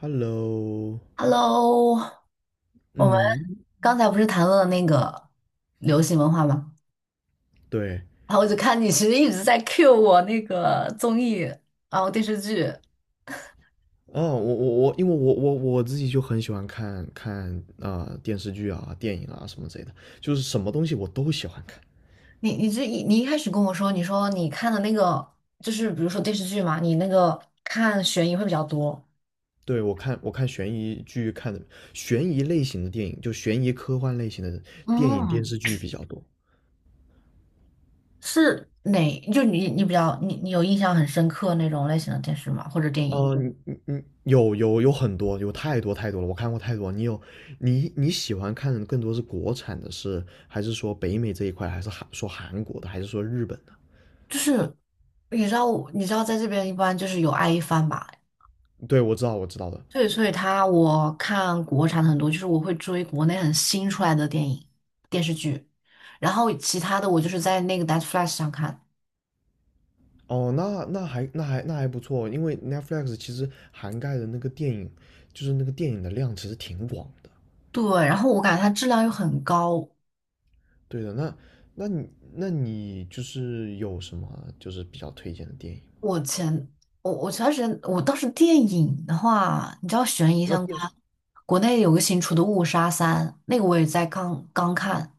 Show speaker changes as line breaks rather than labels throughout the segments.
Hello，
Hello，我们
嗯，
刚才不是谈论了那个流行文化吗？
对，
然后我就看你其实一直在 cue 我那个综艺，然后电视剧。
哦，我，因为我自己就很喜欢看电视剧啊、电影啊什么之类的，就是什么东西我都喜欢看。
你一开始跟我说，你说你看的那个就是比如说电视剧嘛，你那个看悬疑会比较多。
对，我看悬疑剧看的悬疑类型的电影，就悬疑科幻类型的电影电
嗯，
视剧比较多。
是哪？就你你比较你你有印象很深刻那种类型的电视吗？或者电影？
哦，你有很多，有太多太多了，我看过太多。你有你你喜欢看的更多是国产的是，还是说北美这一块，还是韩说韩国的，还是说日本的？
就是你知道在这边一般就是有爱一番吧。
对，我知道，我知道的。
对，所以他我看国产的很多，就是我会追国内很新出来的电影、电视剧，然后其他的我就是在那个 Netflsx 上看。
哦，那还不错，因为 Netflix 其实涵盖的那个电影，就是那个电影的量其实挺广的。
对，然后我感觉它质量又很高。
对的，那你就是有什么就是比较推荐的电影？
我前我前段时间我倒是电影的话，你知道悬疑
那
相
电视
关，国内有个新出的《误杀三》，那个我也在刚刚看，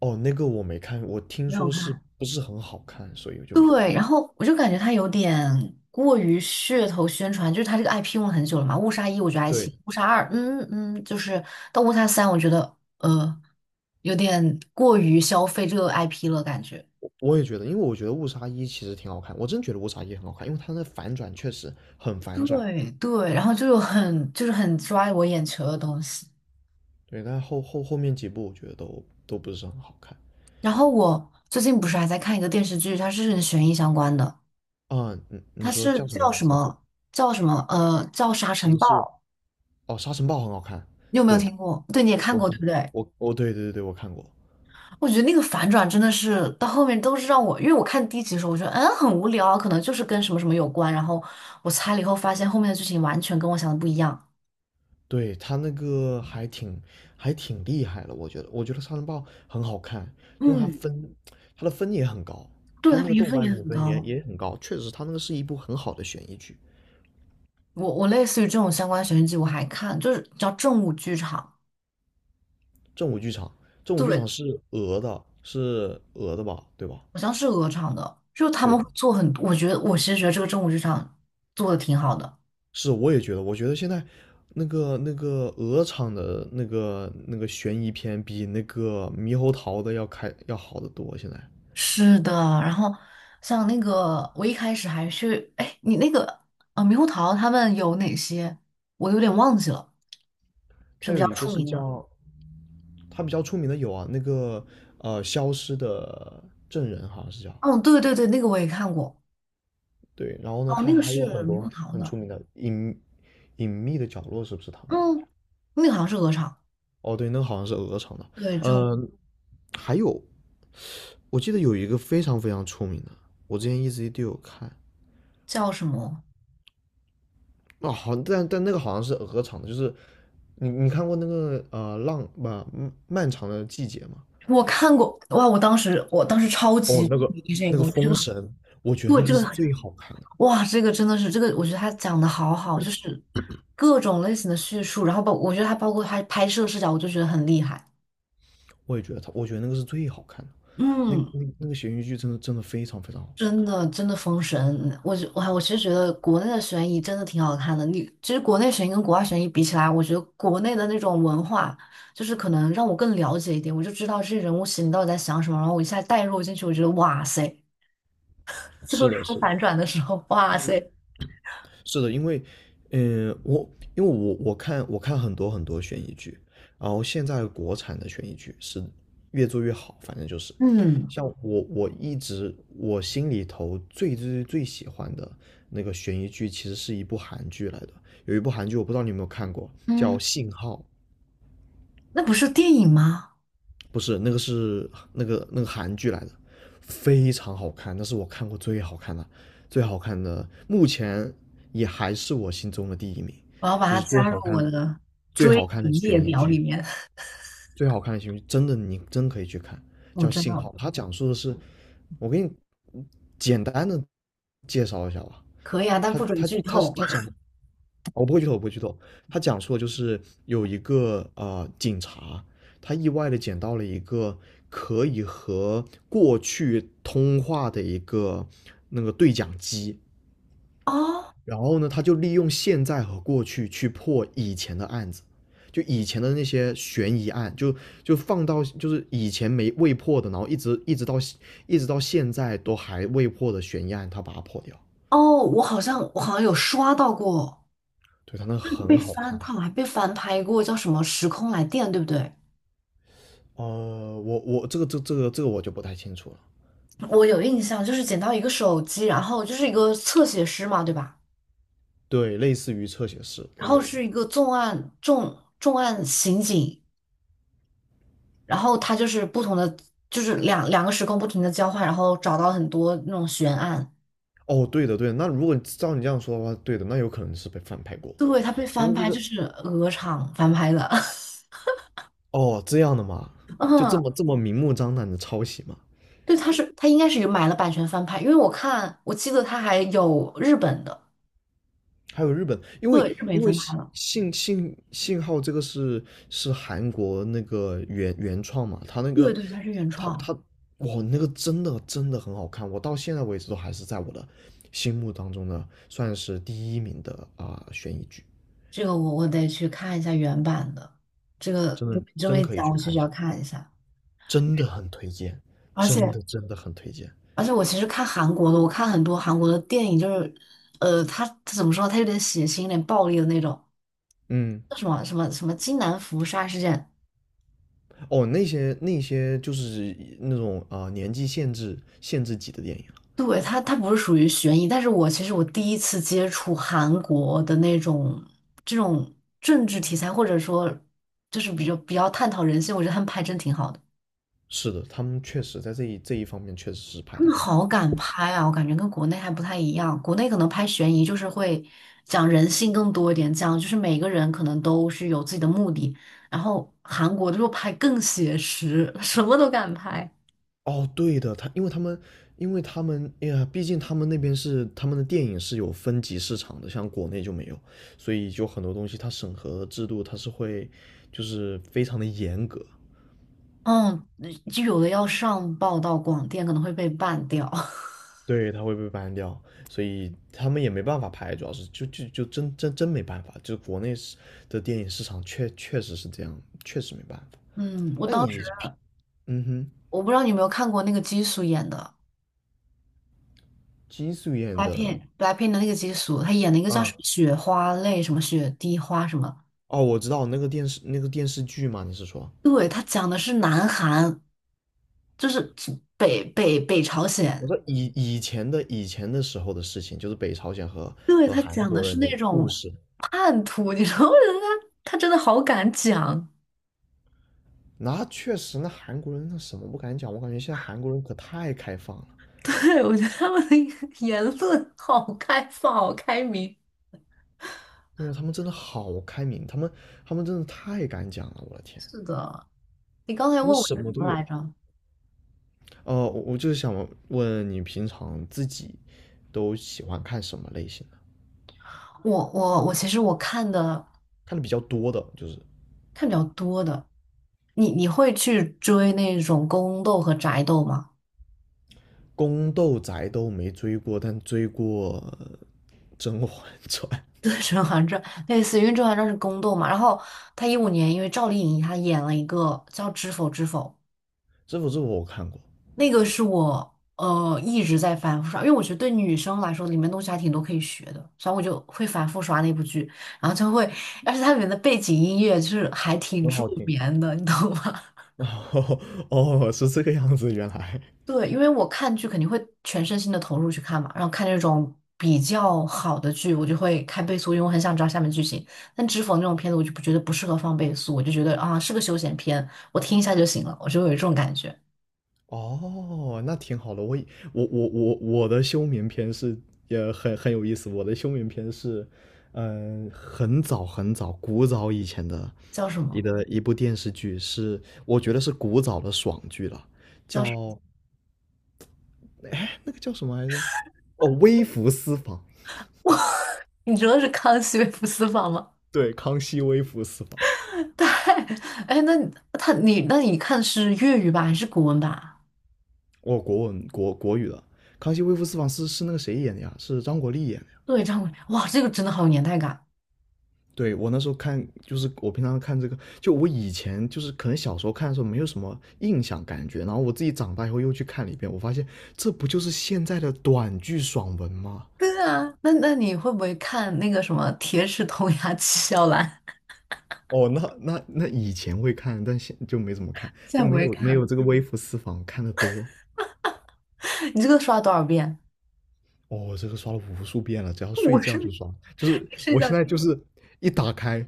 哦，那个我没看，我听
没有
说是
看。
不是很好看，所以我就没
对，
看。
然后我就感觉他有点过于噱头宣传，就是他这个 IP 用了很久了嘛，《误杀一》我觉得还行，
对，
《误杀二》就是到《误杀三》，我觉得有点过于消费这个 IP 了，感觉。
我也觉得，因为我觉得误杀一其实挺好看，我真觉得误杀一很好看，因为它的反转确实很反转。
对对，然后就有很就是很抓我眼球的东西。
对，但后面几部我觉得都不是很好看。
然后我最近不是还在看一个电视剧，它是跟悬疑相关的，
啊，你
它
你说
是
叫什么
叫
名
什
字？
么叫什么呃叫《沙尘
骑
暴》，
士。哦，沙尘暴很好看，
你有没有
对，
听过？对，你也看
我
过
听，
对不对？
我对，我看过，
我觉得那个反转真的是到后面都是让我，因为我看第一集的时候，我觉得很无聊啊可能就是跟什么什么有关，然后我猜了以后发现后面的剧情完全跟我想的不一样。
对他那个还挺还挺厉害的，我觉得，我觉得沙尘暴很好看，因为它
嗯，
分它的分也很高，
对，
它
它
那个
评
豆
分
瓣
也
评
很
分也
高。
也很高，确实，它那个是一部很好的悬疑剧。
我类似于这种相关悬疑剧我还看，就是叫正午剧场，
正午剧场，正午剧场
对，
是俄的，是俄的吧，对吧？
好像是鹅厂的，就他
对
们
的，
会做很多，我其实觉得这个正午剧场做的挺好的。
是，我也觉得，我觉得现在那个鹅厂的那个悬疑片比那个猕猴桃的要开要好得多，现在。
是的，然后像那个我一开始还是哎，你那个啊猕猴桃他们有哪些？我有点忘记了。是
它
比
有
较
一个
出
是
名的。
叫，它比较出名的有啊，那个呃消失的证人好像是叫，
哦，对对对，那个我也看过。
对，然后呢，
哦，
他
那个
还
是
有很
猕猴
多
桃
很
的。
出名的隐隐秘的角落，是不是他们的？好
嗯，
像，
那个好像是鹅肠。
哦，对，那个好像是鹅厂的，
对，这种
嗯、还有我记得有一个非常非常出名的，我之前一直都有看，
叫什么？
哦，好，但但那个好像是鹅厂的，就是你看过那个呃浪吧、漫长的季节吗？
我看过。哇，我当时超级
哦，那个
迷这
那
个，
个
我觉得
封
这个
神，我觉得那
对
个
这个
是
很
最好看的。
哇，这个真的是这个，我觉得他讲的好好，就是各种类型的叙述，然后我觉得他包括他拍摄视角，我就觉得很厉害。
我也觉得他，我觉得那个是最好看的，那
嗯。
那那个悬疑剧真的真的非常非常好看。
真的真的封神，我其实觉得国内的悬疑真的挺好看的。你其实国内悬疑跟国外悬疑比起来，我觉得国内的那种文化，就是可能让我更了解一点，我就知道这些人物心里到底在想什么，然后我一下带入进去，我觉得哇塞，最
是
后
的，
出
是的，
反转的时候，哇塞
是的，因为，嗯，我因为我看很多很多悬疑剧，然后现在国产的悬疑剧是越做越好，反正就是
嗯
像我一直心里头最最最喜欢的那个悬疑剧，其实是一部韩剧来的，有一部韩剧我不知道你有没有看过，叫
嗯，
《信号》，
那不是电影吗？
不是那个是那个韩剧来的，非常好看，那是我看过最好看的，最好看的，目前也还是我心中的第一名，
我要把
就
它
是最
加入
好看
我的
最好
追
看的
影
悬
列
疑
表里
剧，
面。
最好看的悬疑剧，真的你真可以去看，
我
叫
知
《信号》，
道，
它讲述的是，我给你简单的介绍一下吧，
可以啊，但
它
不准
它
剧
它是
透。
它讲我不会剧透，我不会剧透。他讲述的就是有一个呃警察，他意外的捡到了一个可以和过去通话的一个那个对讲机，
哦
然后呢，他就利用现在和过去去破以前的案子，就以前的那些悬疑案，就放到就是以前没未破的，然后一直到现在都还未破的悬疑案，他把它破掉。
哦，我好像有刷到过。
对，他那很
被
好
翻，
看。
他好像还被翻拍过，叫什么《时空来电》，对不对？
呃，我这个我就不太清楚了。
我有印象，就是捡到一个手机，然后就是一个侧写师嘛，对吧？
对，类似于侧写师的
然后
人。
是一个重案刑警，然后他就是不同的，就是两个时空不停的交换，然后找到很多那种悬案。
哦，对的对的，那如果照你这样说的话，对的，那有可能是被翻拍过，
对，他被
因
翻
为那
拍，就
个
是鹅厂翻拍的。
哦这样的嘛，就这
嗯，
么这么明目张胆的抄袭嘛。
对，他应该是有买了版权翻拍，因为我看我记得他还有日本的，
还有日本，因为
对，日本也
因为
翻拍
信
了，
信信信号这个是是韩国那个原原创嘛，他那
对
个
对，他是原
他
创。
他哇那个真的真的很好看，我到现在为止都还是在我的心目当中的算是第一名的啊、悬疑剧，
这个我得去看一下原版的，这个
真
不
的
这么
真
一
可以
讲，
去
我确实
看一
要
下，
看一下。
真的很推荐，
而
真
且
的真的很推荐。
而且，我其实看韩国的，我看很多韩国的电影，就是，他怎么说，他有点血腥，有点暴力的那种，
嗯，
叫什么什么什么金南福杀事件。
哦，那些那些就是那种啊、年纪限制级的电影，
对，他不是属于悬疑，但是我其实我第一次接触韩国的那种这种政治题材，或者说就是比较探讨人性，我觉得他们拍真挺好的。
是的，他们确实在这一方面确实是拍
他
的
们
很好。
好敢拍啊，我感觉跟国内还不太一样。国内可能拍悬疑就是会讲人性更多一点，讲就是每个人可能都是有自己的目的。然后韩国就拍更写实，什么都敢拍。
哦，对的，他因为他们，因为他们，哎呀，毕竟他们那边是他们的电影是有分级市场的，像国内就没有，所以就很多东西它审核制度它是会就是非常的严格，
嗯，就有的要上报到广电，可能会被办掉。
对，它会被 ban 掉，所以他们也没办法拍，主要是就真没办法，就是国内是的电影市场确确实是这样，确实没办法。
嗯，我
那
当时
你平嗯哼，
我不知道你有没有看过那个基叔演的
金素妍的，
Blackpink，Blackpink 的那个基叔，他演了一个叫什
啊，
么雪花泪，什么雪滴花什么。
哦，我知道那个电视剧嘛，你是说？
对，他讲的是南韩，就是北北北朝
我
鲜，
说以以前的时候的事情，就是北朝鲜和
对，
和
他
韩
讲的
国
是
人
那
的故
种
事。
叛徒，你知道吗？我觉得他真的好敢讲，
那确实，那韩国人那什么不敢讲，我感觉现在韩国人可太开放了，
对，我觉得他们的言论好开放，好开明。
对为他们真的好开明，他们他们真的太敢讲了，我的天，
是的，你刚才
他们
问我
什
是
么
什
都
么
有。
来着？
呃，我就是想问你，平常自己都喜欢看什么类型的？
我其实我看的
看的比较多的，就是
看比较多的，你会去追那种宫斗和宅斗吗？
宫斗宅都没追过，但追过呃甄嬛传》，
对，《甄嬛传》类似于，因为《甄嬛传》是宫斗嘛，然后他15年因为赵丽颖她演了一个叫《知否知否》。
这部我看过。
那个是我一直在反复刷，因为我觉得对女生来说，里面东西还挺多可以学的，所以我就会反复刷那部剧，然后就会，而且它里面的背景音乐就是还挺
很
助
好听。
眠的，你懂吗？
哦哦，是这个样子，原来
对，因为我看剧肯定会全身心的投入去看嘛，然后看那种比较好的剧，我就会开倍速，因为我很想知道下面剧情。但知否那种片子，我就不觉得不适合放倍速，我就觉得啊是个休闲片，我听一下就行了，我就有这种感觉。
哦，那挺好的。我以我的休眠篇是也很很有意思。我的休眠篇是，嗯、很早很早古早以前的
叫什
一
么？
个一部电视剧是，我觉得是古早的爽剧了，叫那个叫什么来着？哦，《微服私访》。
哇，你说的是《康熙微服私访》吗？
对，康熙微服私访。
对，哎，那你他你那你看的是粤语版还是古文版啊？
哦，国文国国语的《康熙微服私访》是是那个谁演的呀？是张国立演的呀。
对，张伟，哇，这个真的好有年代感。
对我那时候看，就是我平常看这个，就我以前就是可能小时候看的时候没有什么印象感觉，然后我自己长大以后又去看了一遍，我发现这不就是现在的短剧爽文吗？
对啊，那那你会不会看那个什么《铁齿铜牙纪晓岚》？
哦，那以前会看，但现就没怎么看，
现
就
在不
没
会
有没有
看。
这个微服私访看的多。
你这个刷多少遍？
哦，这个刷了无数遍了，只要 睡
我是
觉就刷，就是
睡
我
觉
现在就
一
是一打开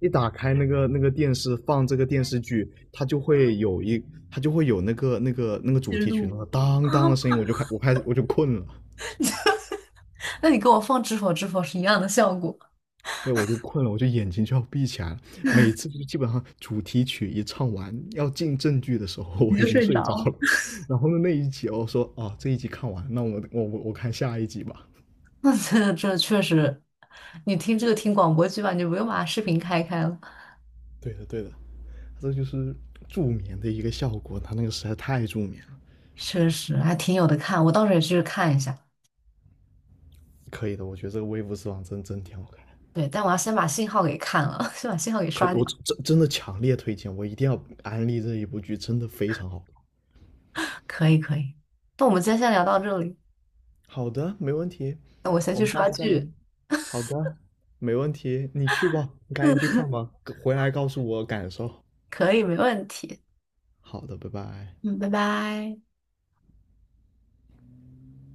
一打开那个电视放这个电视剧，它就会有一，它就会有那个主
直
题曲那
录，
个当当的声音，我开始我就困了，
那你跟我放《知否知否》是一样的效果，
对我就困了，我就眼睛就要闭起来了。每次就基本上主题曲一唱完要进正剧的时候，
你
我已
就
经
睡着
睡着
了。
了。然后呢那一集我说啊这一集看完，那我看下一集吧。
那这这确实，你听这个听广播剧吧，你就不用把视频开开了。
对的对的，这就是助眠的一个效果，它那个实在太助眠了。
确实还挺有的看，我到时候也去看一下。
可以的，我觉得这个微服私访真真挺好看
对，但我要先把信号给看了，先把信号给
可以，
刷掉。
我真的强烈推荐，我一定要安利这一部剧，真的非常好。
可以，可以。那我们今天先聊到这里，
好的，没问题，
那我先
我
去
们下
刷
次再聊。
剧。
好的，没问题，你去吧，你赶紧去看吧，回来告诉我感受。
可以，没问题。
好的，拜拜。
嗯，拜拜。